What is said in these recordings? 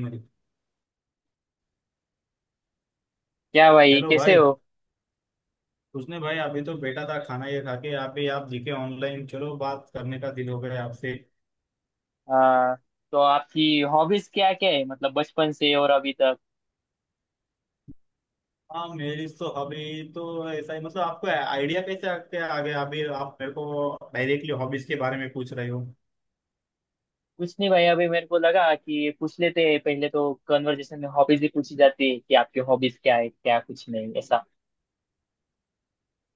मेरी। क्या भाई हेलो कैसे भाई। हो। उसने भाई अभी तो बैठा था, खाना ये खा के आप दिखे ऑनलाइन, चलो बात करने का दिल हो गया आपसे। आ, तो आपकी हॉबीज क्या क्या है मतलब बचपन से और अभी तक। हाँ मेरी तो हॉबी तो ऐसा ही, मतलब आपको आइडिया कैसे आके आ गया, अभी आप मेरे को डायरेक्टली हॉबीज के बारे में पूछ रहे हो। कुछ नहीं भाई अभी मेरे को लगा कि पूछ लेते हैं। पहले तो कन्वर्जेशन में हॉबीज ही पूछी जाती है कि आपकी हॉबीज क्या है क्या, कुछ नहीं ऐसा।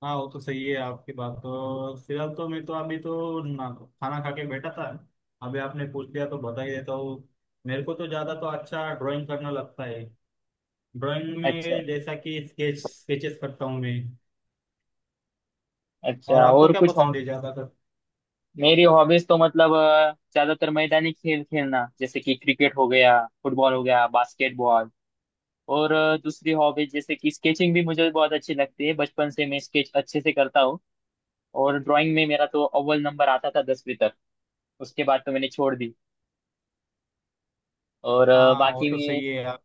हाँ वो तो सही है आपकी बात, तो फिलहाल तो मैं तो अभी तो ना खाना खा के बैठा था। अभी आपने पूछ लिया तो बता ही देता हूँ। मेरे को तो ज्यादा तो अच्छा ड्राइंग करना लगता है। ड्राइंग अच्छा। में जैसा कि स्केचेस करता हूँ मैं। और अच्छा, आपको और क्या कुछ और? पसंद है ज्यादा? मेरी हॉबीज तो मतलब ज्यादातर मैदानी खेल खेलना, जैसे कि क्रिकेट हो गया, फुटबॉल हो गया, बास्केटबॉल। और दूसरी हॉबीज जैसे कि स्केचिंग भी मुझे बहुत अच्छी लगती है। बचपन से मैं स्केच अच्छे से करता हूँ। और ड्राइंग में मेरा तो अव्वल नंबर आता था दसवीं तक। उसके बाद तो मैंने छोड़ दी। और हाँ वो बाकी तो मैं सही है यार।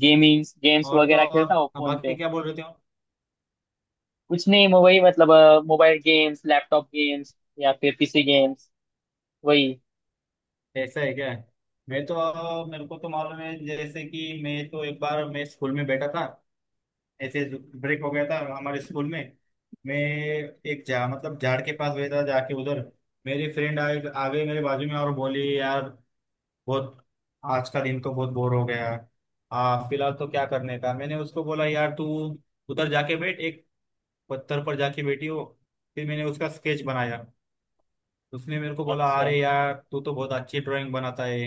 गेमिंग, गेम्स और तो वगैरह खेलता हूँ और फोन बाकी पे। क्या बोल रहे थे आप? कुछ नहीं, मैं वही मतलब मोबाइल गेम्स, लैपटॉप गेम्स, या फिर पीसी गेम्स, वही। ऐसा है क्या? मैं तो, मेरे को तो मालूम है, जैसे कि मैं तो एक बार मैं स्कूल में बैठा था ऐसे। ब्रेक हो गया था हमारे स्कूल में। मैं एक जा मतलब झाड़ के पास बैठा, जाके उधर मेरी फ्रेंड आ गई मेरे बाजू में और बोली, यार बहुत आज का दिन तो बहुत बोर हो गया। फिलहाल तो क्या करने का। मैंने उसको बोला, यार तू उधर जाके बैठ, एक पत्थर पर जाके बैठी हो। फिर मैंने उसका स्केच बनाया। उसने मेरे को बोला, अच्छा। अरे यार तू तो बहुत अच्छी ड्राइंग बनाता है।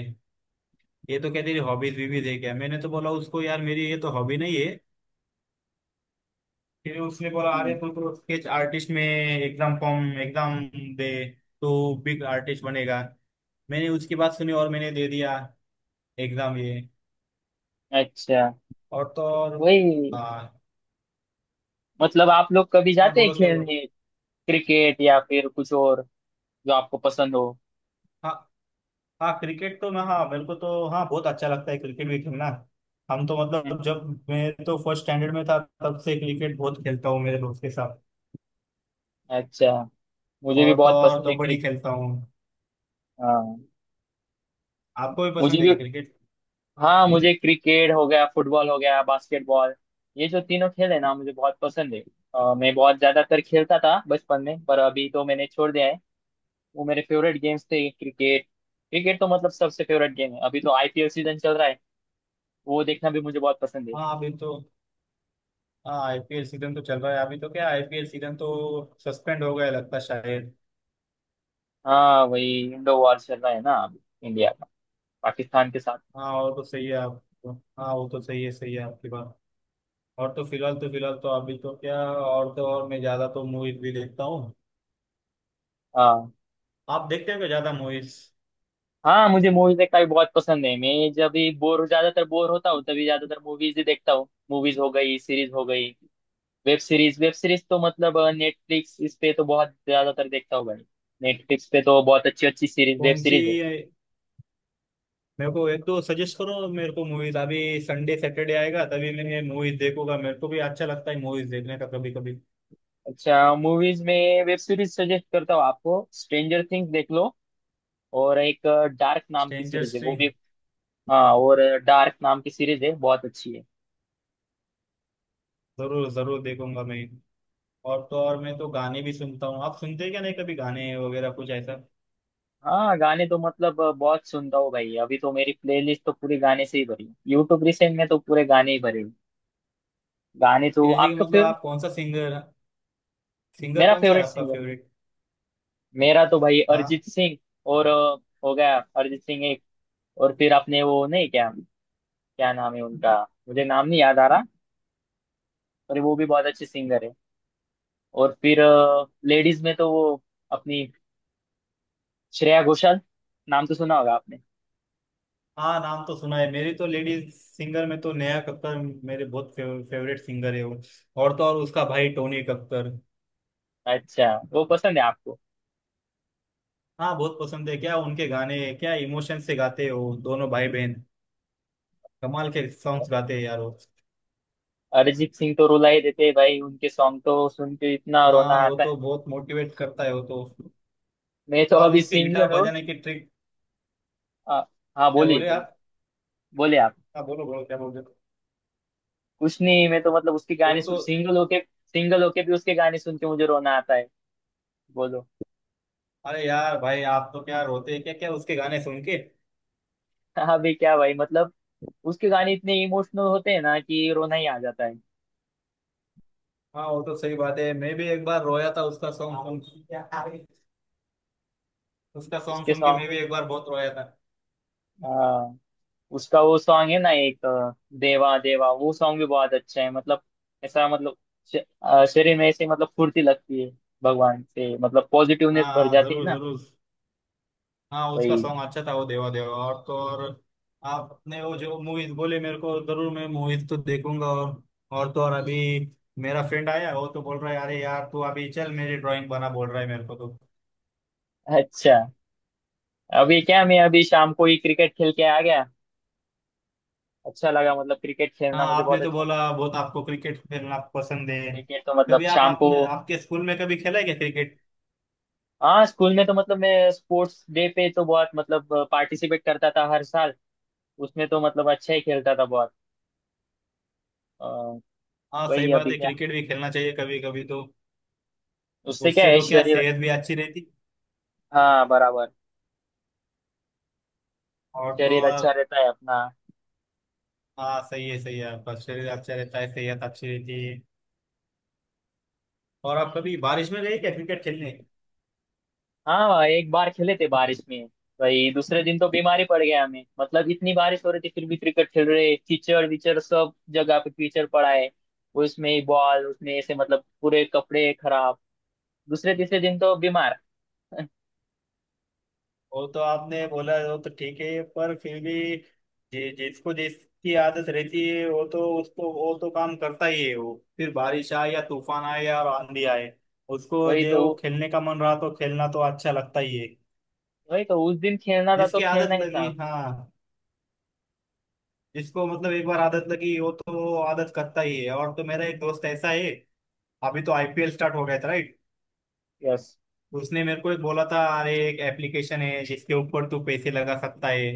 ये तो क्या तेरी हॉबीज भी देख क्या। मैंने तो बोला उसको, यार मेरी ये तो हॉबी नहीं है। फिर उसने बोला, अरे हम्म। तू तो स्केच आर्टिस्ट में एग्जाम फॉर्म एग्जाम दे तो बिग आर्टिस्ट बनेगा। मैंने उसकी बात सुनी और मैंने दे दिया एग्जाम ये। अच्छा, और तो और। वही हाँ मतलब आप लोग कभी हाँ, जाते हैं बोलो क्या बोलो। खेलने? क्रिकेट या फिर कुछ और, जो आपको पसंद हो। हाँ हाँ क्रिकेट तो मैं, हाँ मेरे को तो हाँ बहुत अच्छा लगता है क्रिकेट भी खेलना। हम तो मतलब हम्म। जब मैं तो फर्स्ट स्टैंडर्ड में था, तब से क्रिकेट बहुत खेलता हूँ मेरे दोस्त के साथ। अच्छा, मुझे भी और तो बहुत और पसंद है कबड्डी क्रिकेट। खेलता हूँ। हाँ, आपको भी मुझे पसंद है भी। क्या क्रिकेट? हाँ, मुझे क्रिकेट हो गया, फुटबॉल हो गया, बास्केटबॉल, ये जो तीनों खेल है ना, मुझे बहुत पसंद है। मैं बहुत ज्यादातर खेलता था बचपन में, पर अभी तो मैंने छोड़ दिया है। वो मेरे फेवरेट गेम्स थे। क्रिकेट, क्रिकेट तो मतलब सबसे फेवरेट गेम है। अभी तो आईपीएल सीजन चल रहा है, वो देखना भी मुझे बहुत पसंद है। हाँ अभी तो, हाँ आईपीएल सीजन तो चल रहा है अभी तो क्या, आईपीएल सीजन तो सस्पेंड हो गया लगता है शायद। हाँ, वही इंडो वॉर चल रहा है ना अभी, इंडिया का पाकिस्तान के साथ। हाँ और तो सही है आपको। हाँ वो तो सही है, सही है आपकी बात। और तो फिलहाल तो, फिलहाल तो अभी तो क्या, और तो और मैं ज्यादा तो मूवीज भी देखता हूँ। हाँ। आप देखते हो क्या ज्यादा मूवीज? हाँ, मुझे मूवीज देखना भी बहुत पसंद है। मैं जब भी बोर, ज्यादातर बोर होता हूँ, तभी ज्यादातर मूवीज ही देखता हूँ। मूवीज हो गई, सीरीज हो गई, वेब सीरीज। वेब सीरीज तो मतलब नेटफ्लिक्स, इस पे तो बहुत ज्यादातर देखता हूँ भाई। नेटफ्लिक्स पे तो बहुत अच्छी अच्छी सीरीज, वेब कौन सी? सीरीज है। मेरे को एक तो सजेस्ट करो मेरे को मूवीज, अभी संडे सैटरडे आएगा तभी मैं मूवीज देखूंगा, मेरे को भी अच्छा लगता है मूवीज देखने का कभी कभी। अच्छा, मूवीज में, वेब सीरीज सजेस्ट करता हूँ आपको, स्ट्रेंजर थिंग्स देख लो। और एक डार्क नाम की स्ट्रेंजर। सीरीज है, वो भी। हाँ, और डार्क नाम की सीरीज है, बहुत अच्छी है। जरूर जरूर देखूंगा मैं। और तो और मैं तो गाने भी सुनता हूँ, आप सुनते हैं क्या, नहीं कभी गाने वगैरह कुछ ऐसा? हाँ, गाने तो मतलब बहुत सुनता हूँ भाई। अभी तो मेरी प्लेलिस्ट तो पूरे गाने से ही भरी है। यूट्यूब रिसेंट में तो पूरे गाने ही भरे हैं। गाने तो जैसे कि आपका मतलब फेवरेट। आप कौन सा सिंगर, सिंगर मेरा कौन सा है फेवरेट आपका सिंगर, फेवरेट? मेरा तो भाई हाँ। अरिजीत सिंह। और हो गया अरिजीत सिंह एक। और फिर आपने वो नहीं क्या, क्या नाम है उनका, मुझे नाम नहीं याद आ रहा, पर वो भी बहुत अच्छे सिंगर है। और फिर लेडीज में तो वो अपनी श्रेया घोषाल, नाम तो सुना होगा आपने। हाँ नाम तो सुना है, मेरी तो लेडीज सिंगर में तो नेहा कक्कर मेरे बहुत फेवरेट सिंगर है वो। और तो और उसका भाई टोनी कक्कर। अच्छा, वो पसंद है आपको। हाँ बहुत पसंद है, क्या उनके गाने, क्या इमोशन से गाते हो दोनों भाई बहन। कमाल के सॉन्ग्स गाते हैं यार वो। अरिजीत सिंह तो रुला ही देते हैं भाई, उनके सॉन्ग तो सुन के इतना रोना हाँ वो आता तो है ना। बहुत मोटिवेट करता है वो तो। मैं तो और अभी उसके गिटार सिंगल हूँ। बजाने की ट्रिक। हाँ। हाँ, क्या बोलिए बोले बोलिए। आप? बोलिए आप। हाँ बोलो बोलो क्या बोल रहे हो? कुछ नहीं, मैं तो मतलब उसके वो गाने तो। सिंगल होके, सिंगल होके भी उसके गाने सुन के मुझे रोना आता है। बोलो। अरे यार भाई आप तो क्या रोते हैं क्या, क्या उसके गाने सुन के? अभी क्या भाई, मतलब उसके गाने इतने इमोशनल होते हैं ना कि रोना ही आ जाता है। हाँ वो तो सही बात है, मैं भी एक बार रोया था उसका सॉन्ग सुन के। उसका सॉन्ग उसके सुन के सॉन्ग। मैं भी एक बार बहुत रोया था। हाँ, उसका वो सॉन्ग है ना एक देवा देवा, वो सॉन्ग भी बहुत अच्छा है। मतलब ऐसा मतलब श- शरीर में ऐसे मतलब फुर्ती लगती है, भगवान से मतलब हाँ पॉजिटिवनेस भर हाँ, जाती है जरूर ना। जरूर। हाँ उसका वही। सॉन्ग अच्छा था वो देवा देवा। और तो और आपने वो जो मूवीज बोले मेरे को, जरूर मैं मूवीज तो देखूंगा। और तो और अभी मेरा फ्रेंड आया, वो तो बोल रहा है अरे यार तू अभी चल मेरी ड्राइंग बना, बोल रहा है मेरे को तो। अच्छा, अभी क्या, मैं अभी शाम को ही क्रिकेट खेल के आ गया। अच्छा लगा, मतलब क्रिकेट खेलना हाँ मुझे आपने बहुत तो अच्छा बोला लगता बहुत आपको क्रिकेट खेलना पसंद है। है। क्रिकेट तो मतलब कभी आप, शाम को। आपने आपके स्कूल में कभी खेला है क्या क्रिकेट? हाँ, स्कूल में तो मतलब मैं स्पोर्ट्स डे पे तो बहुत मतलब पार्टिसिपेट करता था हर साल। उसमें तो मतलब अच्छा ही खेलता था बहुत। अ, हाँ सही वही बात अभी है, क्या, क्रिकेट भी खेलना चाहिए कभी कभी तो। उससे क्या उससे है तो क्या शरीर। सेहत भी अच्छी रहती। हाँ बराबर, और तो शरीर अच्छा और। रहता है अपना। हाँ सही है सही है, आपका शरीर अच्छा रहता है, सेहत अच्छी रहती है। और आप कभी बारिश में गए क्या क्रिकेट खेलने? हाँ एक बार खेले थे बारिश में। भाई दूसरे दिन तो बीमारी पड़ गया हमें, मतलब इतनी बारिश हो रही थी फिर भी क्रिकेट खेल रहे। कीचड़ विचड़ सब जगह पे कीचड़ पड़ा है, उसमें ही बॉल, उसमें ऐसे मतलब पूरे कपड़े खराब। दूसरे तीसरे दिन तो बीमार। वो तो आपने बोला वो तो ठीक है, पर फिर भी जिसको जिसकी आदत रहती है वो तो उसको, वो तो काम करता ही है वो, फिर बारिश आए या तूफान आए या आंधी आए, उसको वही तो, जो खेलने का मन रहा तो खेलना तो अच्छा लगता ही है। वही तो, उस दिन खेलना था तो जिसकी आदत खेलना ही था। लगी हाँ, जिसको मतलब एक बार आदत लगी वो तो आदत करता ही है। और तो मेरा एक दोस्त ऐसा है, अभी तो आईपीएल स्टार्ट हो गया था राइट? यस। उसने मेरे को एक बोला था, अरे एक एप्लीकेशन है जिसके ऊपर तू पैसे लगा सकता है।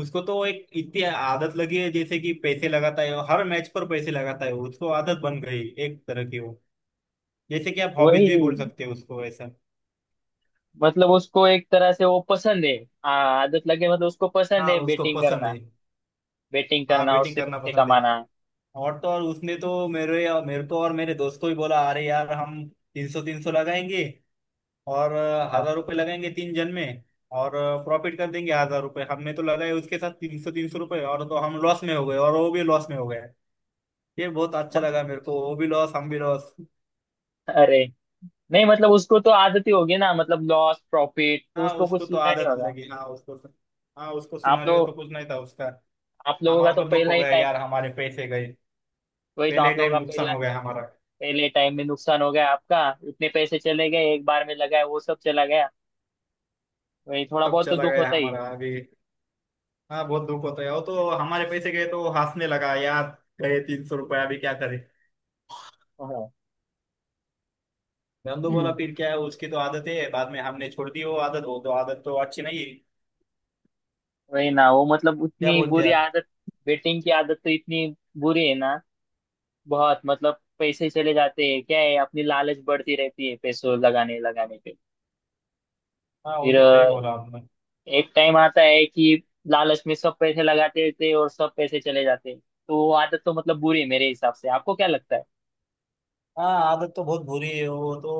उसको तो एक इतनी आदत लगी है, जैसे कि पैसे लगाता है हर मैच पर, पैसे लगाता है, उसको आदत बन गई एक तरह की वो, जैसे कि आप हॉबीज वही, भी बोल सकते हो उसको ऐसा। मतलब उसको एक तरह से वो पसंद है। हाँ, आदत लगे, मतलब उसको पसंद हाँ है उसको बेटिंग पसंद करना, है। बेटिंग हाँ करना, बैटिंग उससे करना पैसे पसंद है। कमाना। और तो और उसने तो मेरे मेरे को और मेरे दोस्त को भी बोला, अरे यार हम 300-300 लगाएंगे और हाँ। 1,000 रुपये लगाएंगे तीन जन में और प्रॉफिट कर देंगे 1,000 रुपये। हमने तो लगाए उसके साथ 300-300 रुपये, और तो हम लॉस में हो गए और वो भी लॉस में हो गए। ये बहुत अच्छा मत, लगा मेरे को, वो भी लॉस हम भी लॉस। अरे, नहीं मतलब उसको तो आदत ही होगी ना, मतलब लॉस प्रॉफिट तो हाँ उसको उसको कुछ तो लिया नहीं आदत होगा। लगी, हाँ उसको तो। हाँ उसको आप सिनेरियो तो लोग, कुछ नहीं था उसका। आप लोगों का हमारे तो को दुख पहला हो ही गया टाइम। यार, हमारे पैसे गए। वही तो, पहले आप लोगों टाइम का नुकसान पहला, हो गया हमारा। पहले टाइम में नुकसान हो गया आपका। इतने पैसे चले गए, एक बार में लगाए वो सब चला गया, वही, थोड़ा तब बहुत तो चला दुख गया होता ही है। हमारा अभी। हाँ बहुत दुख होता है वो तो। हमारे पैसे गए तो वो हंसने लगा यार, गए 300 रुपया अभी क्या करे। हम तो हाँ, बोला फिर क्या है, उसकी तो आदत है। बाद में हमने छोड़ दी वो आदत, वो तो आदत तो अच्छी नहीं है। वही ना, वो मतलब क्या उतनी बोलते हैं बुरी आप? आदत, बेटिंग की आदत तो इतनी बुरी है ना। बहुत, मतलब पैसे चले जाते हैं, क्या है, अपनी लालच बढ़ती रहती है पैसों लगाने लगाने पे। हाँ वो फिर तो सही बोला आपने। एक टाइम आता है कि लालच में सब पैसे लगाते रहते हैं और सब पैसे चले जाते हैं, तो वो आदत तो मतलब बुरी है मेरे हिसाब से, आपको क्या लगता है? हाँ आदत तो बहुत बुरी है वो तो,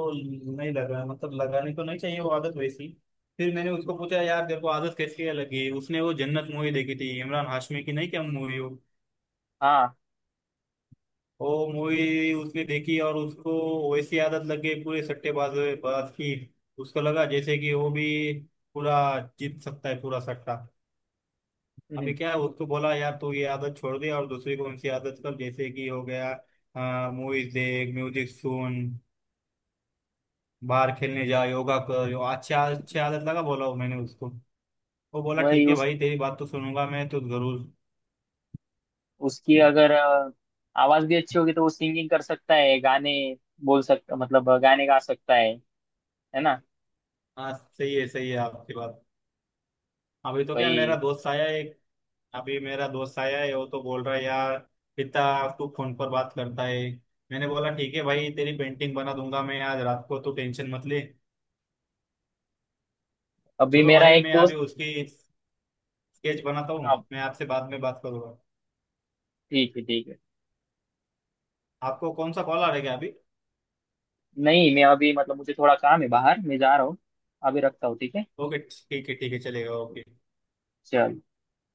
नहीं लगा मतलब लगानी तो नहीं चाहिए वो आदत वैसी। फिर मैंने उसको पूछा, यार तेरे को आदत कैसी है लगी? उसने वो जन्नत मूवी देखी थी इमरान हाशमी की, नहीं क्या मूवी हो? हाँ। वो मूवी उसने देखी और उसको वैसी आदत लग गई, पूरे सट्टेबाज बाज की। उसको लगा जैसे कि वो भी पूरा जीत सकता है पूरा सट्टा। अभी हम्म। क्या है, उसको बोला यार तू ये आदत छोड़ दे और दूसरी कौन सी आदत कर, जैसे कि हो गया मूवीज देख, म्यूजिक सुन, बाहर खेलने जा, योगा कर, यो अच्छा अच्छी आदत लगा, बोला वो मैंने उसको। वो बोला वही ठीक है उस भाई, तेरी बात तो सुनूंगा मैं तो जरूर। उसकी अगर आवाज भी अच्छी होगी तो वो सिंगिंग कर सकता है, गाने बोल सकता, मतलब गाने गा सकता है ना। हाँ सही है आपकी बात। अभी तो क्या मेरा वही, दोस्त आया है। अभी मेरा दोस्त आया है, वो तो बोल रहा है यार, पिता तू फोन पर बात करता है। मैंने बोला ठीक है भाई तेरी पेंटिंग बना दूंगा मैं आज रात को, तू टेंशन मत ले। अभी चलो मेरा भाई एक मैं अभी दोस्त। उसकी स्केच बनाता हूँ, हाँ मैं आपसे बाद में बात करूंगा। ठीक है, ठीक है। आपको कौन सा कॉल आ रहा है क्या अभी? नहीं मैं अभी, मतलब मुझे थोड़ा काम है बाहर, मैं जा रहा हूँ, अभी रखता हूँ, ठीक है। ओके ठीक है चलेगा, ओके। चलो।